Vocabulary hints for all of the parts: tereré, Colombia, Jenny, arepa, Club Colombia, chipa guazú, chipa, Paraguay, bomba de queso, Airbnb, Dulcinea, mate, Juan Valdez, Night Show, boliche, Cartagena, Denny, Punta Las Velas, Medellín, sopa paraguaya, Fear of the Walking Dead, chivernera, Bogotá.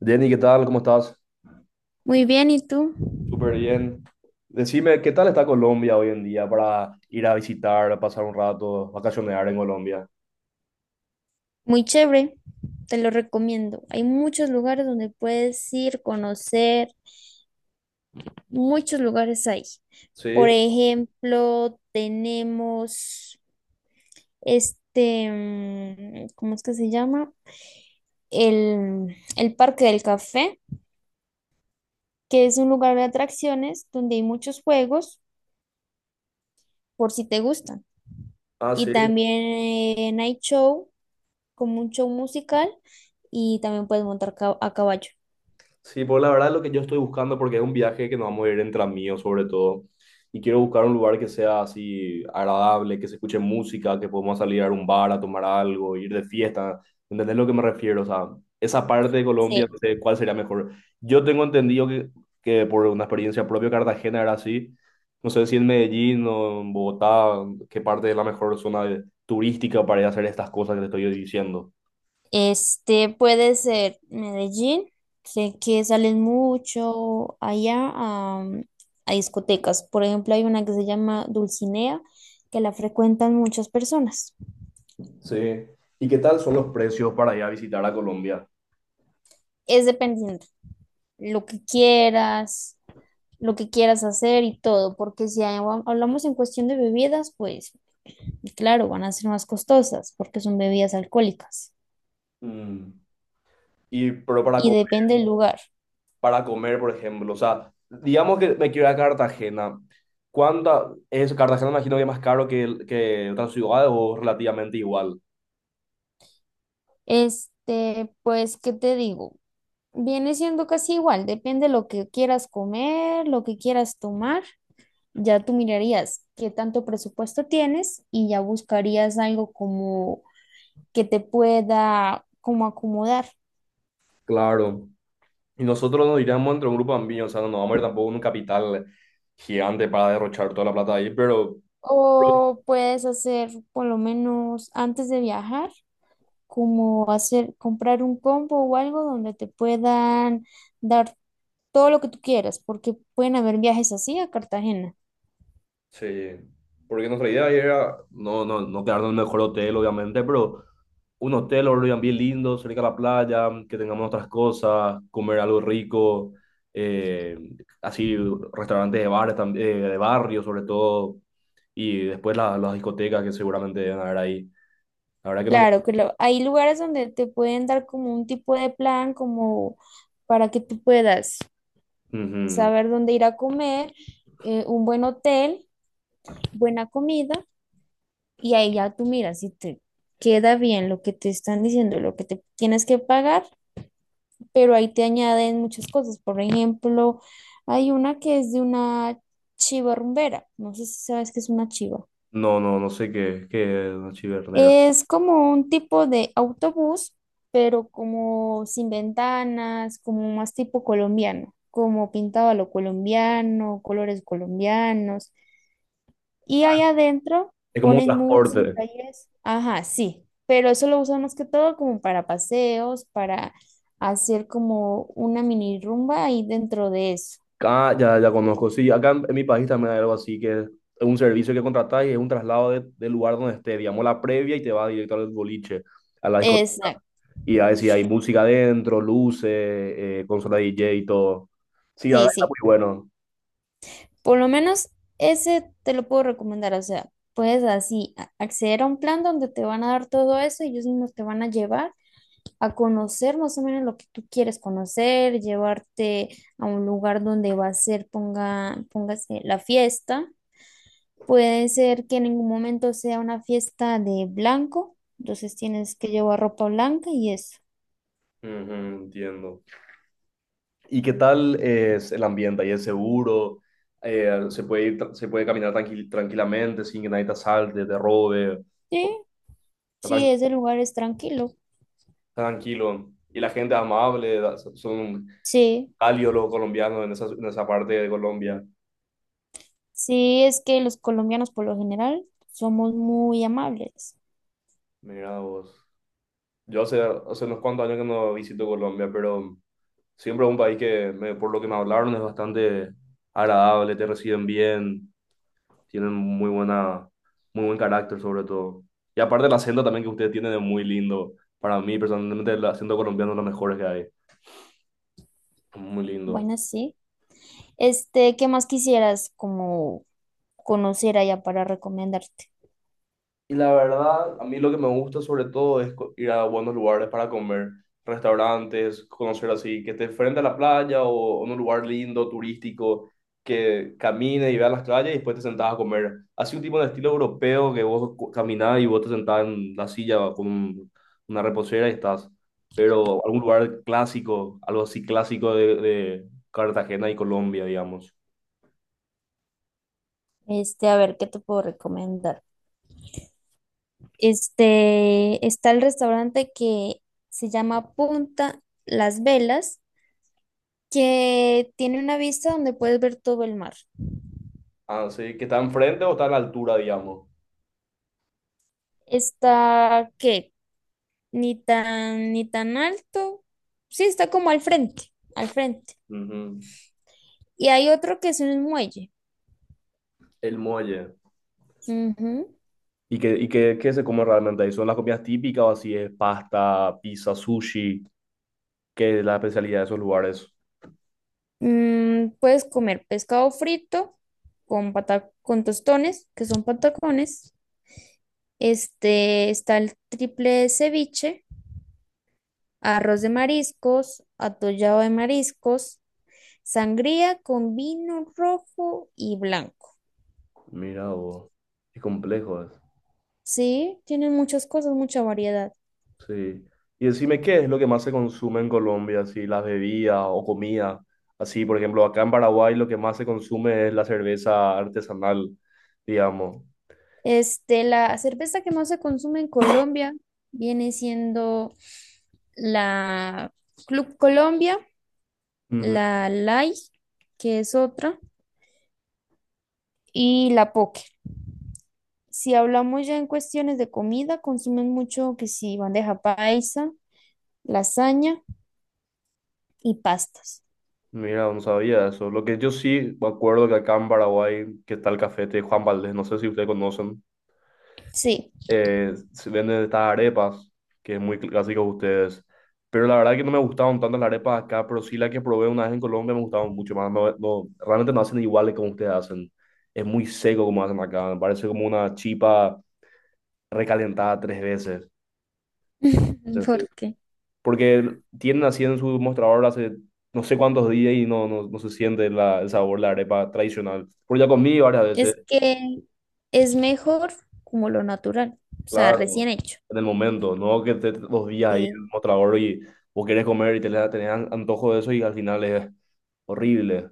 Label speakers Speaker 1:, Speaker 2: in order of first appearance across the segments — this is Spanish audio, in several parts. Speaker 1: Denny, ¿qué tal? ¿Cómo estás?
Speaker 2: Muy bien, ¿y tú?
Speaker 1: Súper bien. Decime, ¿qué tal está Colombia hoy en día para ir a visitar, pasar un rato, vacacionar en Colombia?
Speaker 2: Muy chévere, te lo recomiendo. Hay muchos lugares donde puedes ir, conocer, muchos lugares hay. Por
Speaker 1: Sí,
Speaker 2: ejemplo, tenemos ¿cómo es que se llama? El Parque del Café, que es un lugar de atracciones donde hay muchos juegos, por si te gustan.
Speaker 1: ah,
Speaker 2: Y
Speaker 1: sí.
Speaker 2: también Night Show, como un show musical, y también puedes montar a caballo.
Speaker 1: Sí, pues la verdad es lo que yo estoy buscando, porque es un viaje que nos vamos a ir entre amigos sobre todo, y quiero buscar un lugar que sea así agradable, que se escuche música, que podamos salir a un bar a tomar algo, ir de fiesta, ¿entendés lo que me refiero? O sea, esa parte de Colombia, no
Speaker 2: Sí,
Speaker 1: sé cuál sería mejor. Yo tengo entendido que por una experiencia propia Cartagena era así, no sé si en Medellín o en Bogotá, qué parte es la mejor zona de- turística para ir a hacer estas cosas que te estoy diciendo.
Speaker 2: este puede ser Medellín, sé que salen mucho allá a discotecas. Por ejemplo, hay una que se llama Dulcinea, que la frecuentan muchas personas.
Speaker 1: Sí. ¿Y qué tal son los precios para ir a visitar a Colombia?
Speaker 2: Es dependiendo lo que quieras, lo que quieras hacer y todo, porque si hay- hablamos en cuestión de bebidas, pues claro, van a ser más costosas porque son bebidas alcohólicas
Speaker 1: Mm. Y, pero
Speaker 2: y depende del lugar.
Speaker 1: para comer, por ejemplo, o sea, digamos que me quiero ir a Cartagena. ¿Cuánta es Cartagena? Me imagino que es más caro que, el- que otras ciudades o relativamente igual.
Speaker 2: Este, pues, ¿qué te digo? Viene siendo casi igual, depende lo que quieras comer, lo que quieras tomar. Ya tú mirarías qué tanto presupuesto tienes y ya buscarías algo como que te pueda como acomodar.
Speaker 1: Claro. Y nosotros nos iríamos entre un grupo amplio, o sea, no nos vamos a ir tampoco a un capital gigante para derrochar toda la plata ahí, pero
Speaker 2: O puedes hacer por lo menos antes de viajar, como hacer comprar un combo o algo donde te puedan dar todo lo que tú quieras, porque pueden haber viajes así a Cartagena.
Speaker 1: sí. Porque nuestra idea era no quedarnos en el mejor hotel, obviamente, pero un hotel o Airbnb lindo, cerca de la playa, que tengamos nuestras cosas, comer algo rico, eh, así restaurantes de bares, de barrio sobre todo, y después la- las discotecas que seguramente deben haber ahí. La verdad que no...
Speaker 2: Claro, claro. Hay lugares donde te pueden dar como un tipo de plan, como para que tú puedas
Speaker 1: Ujú.
Speaker 2: saber dónde ir a comer, un buen hotel, buena comida, y ahí ya tú miras si te queda bien lo que te están diciendo, lo que te tienes que pagar, pero ahí te añaden muchas cosas. Por ejemplo, hay una que es de una chiva rumbera. No sé si sabes qué es una chiva.
Speaker 1: No, no, no sé qué es una chivernera.
Speaker 2: Es como un tipo de autobús, pero como sin ventanas, como más tipo colombiano, como pintado a lo colombiano, colores colombianos. Y ahí adentro
Speaker 1: Es como un
Speaker 2: ponen música
Speaker 1: transporte.
Speaker 2: y es, ajá, sí, pero eso lo usan más que todo como para paseos, para hacer como una mini rumba ahí dentro de eso.
Speaker 1: Ah, ya, ya conozco. Sí, acá en mi país también hay algo así, que es un servicio que contratás y es un traslado de- del lugar donde esté, digamos, la previa y te va directo al boliche, a la discoteca.
Speaker 2: Exacto,
Speaker 1: Y a veces hay música adentro, luces, consola DJ y todo. Sí, la
Speaker 2: sí,
Speaker 1: verdad está
Speaker 2: sí,
Speaker 1: muy bueno.
Speaker 2: por lo menos ese te lo puedo recomendar, o sea, puedes acceder a un plan donde te van a dar todo eso y ellos mismos te van a llevar a conocer más o menos lo que tú quieres conocer, llevarte a un lugar donde va a ser, ponga, póngase la fiesta. Puede ser que en ningún momento sea una fiesta de blanco, entonces tienes que llevar ropa blanca y eso.
Speaker 1: Ujú, entiendo. ¿Y qué tal es el ambiente? ¿Ahí es seguro? ¿Se puede ir tra- se puede caminar tranqui- tranquilamente sin que nadie te asalte, te robe?
Speaker 2: Sí,
Speaker 1: O- está
Speaker 2: sí,
Speaker 1: tran-
Speaker 2: ese lugar es tranquilo.
Speaker 1: está tranquilo. Y la gente es amable, da- so, son
Speaker 2: Sí,
Speaker 1: cálidos los colombianos en en esa parte de Colombia.
Speaker 2: sí, es que los colombianos por lo general somos muy amables.
Speaker 1: Mira vos. Yo hace, hace unos cuantos años que no visito Colombia, pero siempre es un país que, me- por lo que me hablaron, es bastante agradable, te reciben bien, tienen muy buena, muy buen carácter sobre todo. Y aparte el acento también que ustedes tienen es muy lindo. Para mí, personalmente, el acento colombiano es lo mejor que hay. Muy lindo.
Speaker 2: Bueno, sí. Este, ¿qué más quisieras como conocer allá para recomendarte?
Speaker 1: Y la verdad, a mí lo que me gusta sobre todo es co- ir a buenos lugares para comer, restaurantes, conocer así, que esté frente a la playa o en un lugar lindo, turístico, que camine y vea las calles y después te sentás a comer. Así un tipo de estilo europeo que vos cu- caminás y vos te sentás en la silla con un- una reposera y estás. Pero algún lugar clásico, algo así clásico de Cartagena y Colombia, digamos.
Speaker 2: Este, a ver, ¿qué te puedo recomendar? Este, está el restaurante que se llama Punta Las Velas, que tiene una vista donde puedes ver todo el mar.
Speaker 1: Ah sí, ¿que está enfrente o está a la altura, digamos?
Speaker 2: Está, ¿qué? Ni tan, ni tan alto. Sí, está como al frente, al frente.
Speaker 1: Ujú.
Speaker 2: Y hay otro que es un muelle.
Speaker 1: El muelle.
Speaker 2: Ujú.
Speaker 1: Y qué, qué se come realmente ahí? ¿Son las comidas típicas o así es pasta, pizza, sushi? ¿Qué es la especialidad de esos lugares?
Speaker 2: Puedes comer pescado frito con tostones, que son patacones. Este, está el triple ceviche, arroz de mariscos, atollado de mariscos, sangría con vino rojo y blanco.
Speaker 1: Mira, vos, qué complejo es.
Speaker 2: Sí, tienen muchas cosas, mucha variedad.
Speaker 1: Sí. Y decime, ¿qué es lo que más se consume en Colombia? Así, las bebidas o comida. Así, por ejemplo, acá en Paraguay lo que más se consume es la cerveza artesanal, digamos.
Speaker 2: Este, la cerveza que más se consume en Colombia viene siendo la Club Colombia,
Speaker 1: Ujú.
Speaker 2: la Light que es otra. Y la poke. Si hablamos ya en cuestiones de comida, consumen mucho que si bandeja paisa, lasaña y pastas.
Speaker 1: Mira, no sabía eso. Lo que yo sí me acuerdo que acá en Paraguay, que está el café de Juan Valdez, no sé si ustedes conocen.
Speaker 2: Sí,
Speaker 1: Eh, se venden estas arepas, que es muy cl- clásico de ustedes. Pero la verdad que no me gustaban tanto las arepas acá, pero sí la que probé una vez en Colombia me gustaban mucho más. No, no- realmente no hacen iguales como ustedes hacen. Es muy seco como hacen acá. Me parece como una chipa recalentada tres veces. Este,
Speaker 2: porque
Speaker 1: porque tienen así en su mostrador hace no sé cuántos días y no, no, no se siente la- el sabor de la arepa tradicional. Porque ya comí varias veces.
Speaker 2: es que es mejor como lo natural, o sea,
Speaker 1: Claro,
Speaker 2: recién hecho.
Speaker 1: en el momento, no que te dos días ahí
Speaker 2: Sí,
Speaker 1: como trabajador y vos querés comer y te le- tenés an- antojo de eso y al final es horrible.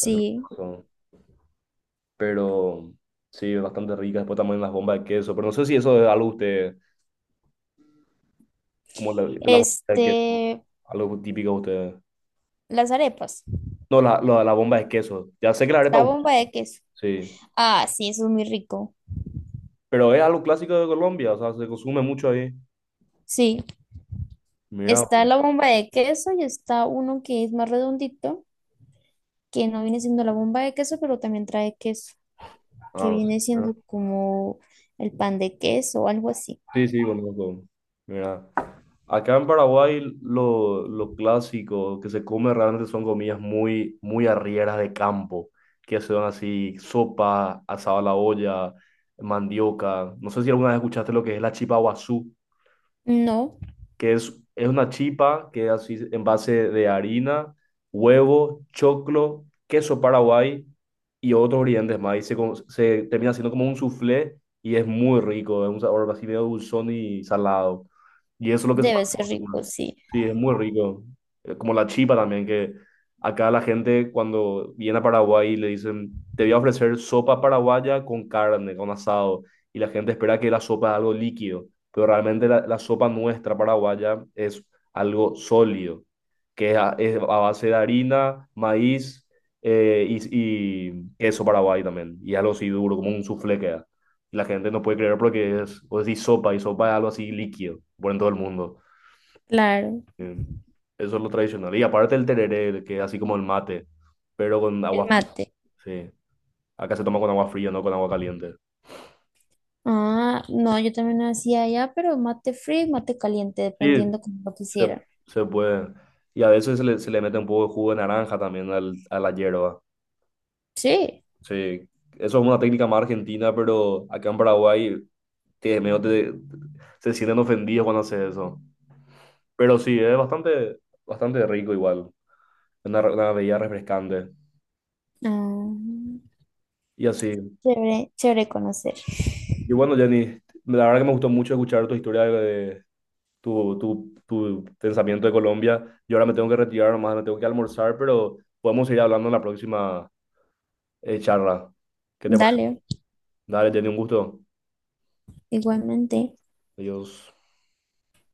Speaker 1: Eso es lo que son. Pero sí, es bastante rica. Después también las bombas de queso. Pero no sé si eso es algo usted, como la bomba de queso,
Speaker 2: Este,
Speaker 1: algo típico de ustedes.
Speaker 2: las arepas,
Speaker 1: No, la bomba de queso. Ya sé que la arepa,
Speaker 2: la
Speaker 1: es ustedes,
Speaker 2: bomba de queso.
Speaker 1: sí.
Speaker 2: Ah, sí, eso es muy rico.
Speaker 1: Pero es algo clásico de Colombia, o sea, se consume mucho ahí.
Speaker 2: Sí,
Speaker 1: Mira,
Speaker 2: está
Speaker 1: pues.
Speaker 2: la bomba de queso y está uno que es más redondito, que no viene siendo la bomba de queso, pero también trae queso. Que
Speaker 1: Ah,
Speaker 2: viene siendo como el pan de queso o algo así.
Speaker 1: sí, sí, sí, conozco. Mira. Acá en Paraguay lo clásico que se come realmente son comidas muy, muy arrieras de campo, que son así sopa, asado a la olla, mandioca. No sé si alguna vez escuchaste lo que es la chipa guazú,
Speaker 2: No,
Speaker 1: que es una chipa que es así en base de harina, huevo, choclo, queso paraguay y otros ingredientes más. Y se, co- se termina haciendo como un soufflé y es muy rico, es un sabor así medio dulzón y salado. Y eso es lo que se
Speaker 2: debe
Speaker 1: pasa.
Speaker 2: ser rico, sí.
Speaker 1: Sí, es muy rico. Como la chipa también, que acá la gente cuando viene a Paraguay le dicen, te voy a ofrecer sopa paraguaya con carne, con asado. Y la gente espera que la sopa es algo líquido, pero realmente la sopa nuestra paraguaya es algo sólido, que es a base de harina, maíz, y queso paraguay también, y algo así duro, como un soufflé queda. Y la gente no puede creer porque es, o decís sopa, y sopa es algo así líquido, por en todo el mundo.
Speaker 2: Claro,
Speaker 1: Eh, Eso es lo tradicional. Y aparte el tereré, que es así como el mate, pero con
Speaker 2: el
Speaker 1: agua fría,
Speaker 2: mate.
Speaker 1: sí. Acá se toma con agua fría, no con agua caliente.
Speaker 2: Ah, no, yo también lo hacía allá, pero mate frío, y mate caliente,
Speaker 1: Sí,
Speaker 2: dependiendo como lo
Speaker 1: Se,
Speaker 2: quisiera.
Speaker 1: se puede. Y a veces se le mete un poco de jugo de naranja también a la hierba.
Speaker 2: Sí.
Speaker 1: Sí, eso es una técnica más argentina, pero acá en Paraguay te, medio te- se sienten ofendidos cuando haces eso. Pero sí, es bastante, bastante rico igual. Una, re- una bebida refrescante.
Speaker 2: Ah,
Speaker 1: Y así.
Speaker 2: chévere, chévere conocer.
Speaker 1: Y bueno, Jenny, la verdad que me gustó mucho escuchar tu historia de tu pensamiento de Colombia. Yo ahora me tengo que retirar, nomás me tengo que almorzar, pero podemos seguir hablando en la próxima charla. ¿Qué te parece?
Speaker 2: Dale,
Speaker 1: Dale, te doy un gusto.
Speaker 2: igualmente.
Speaker 1: Adiós.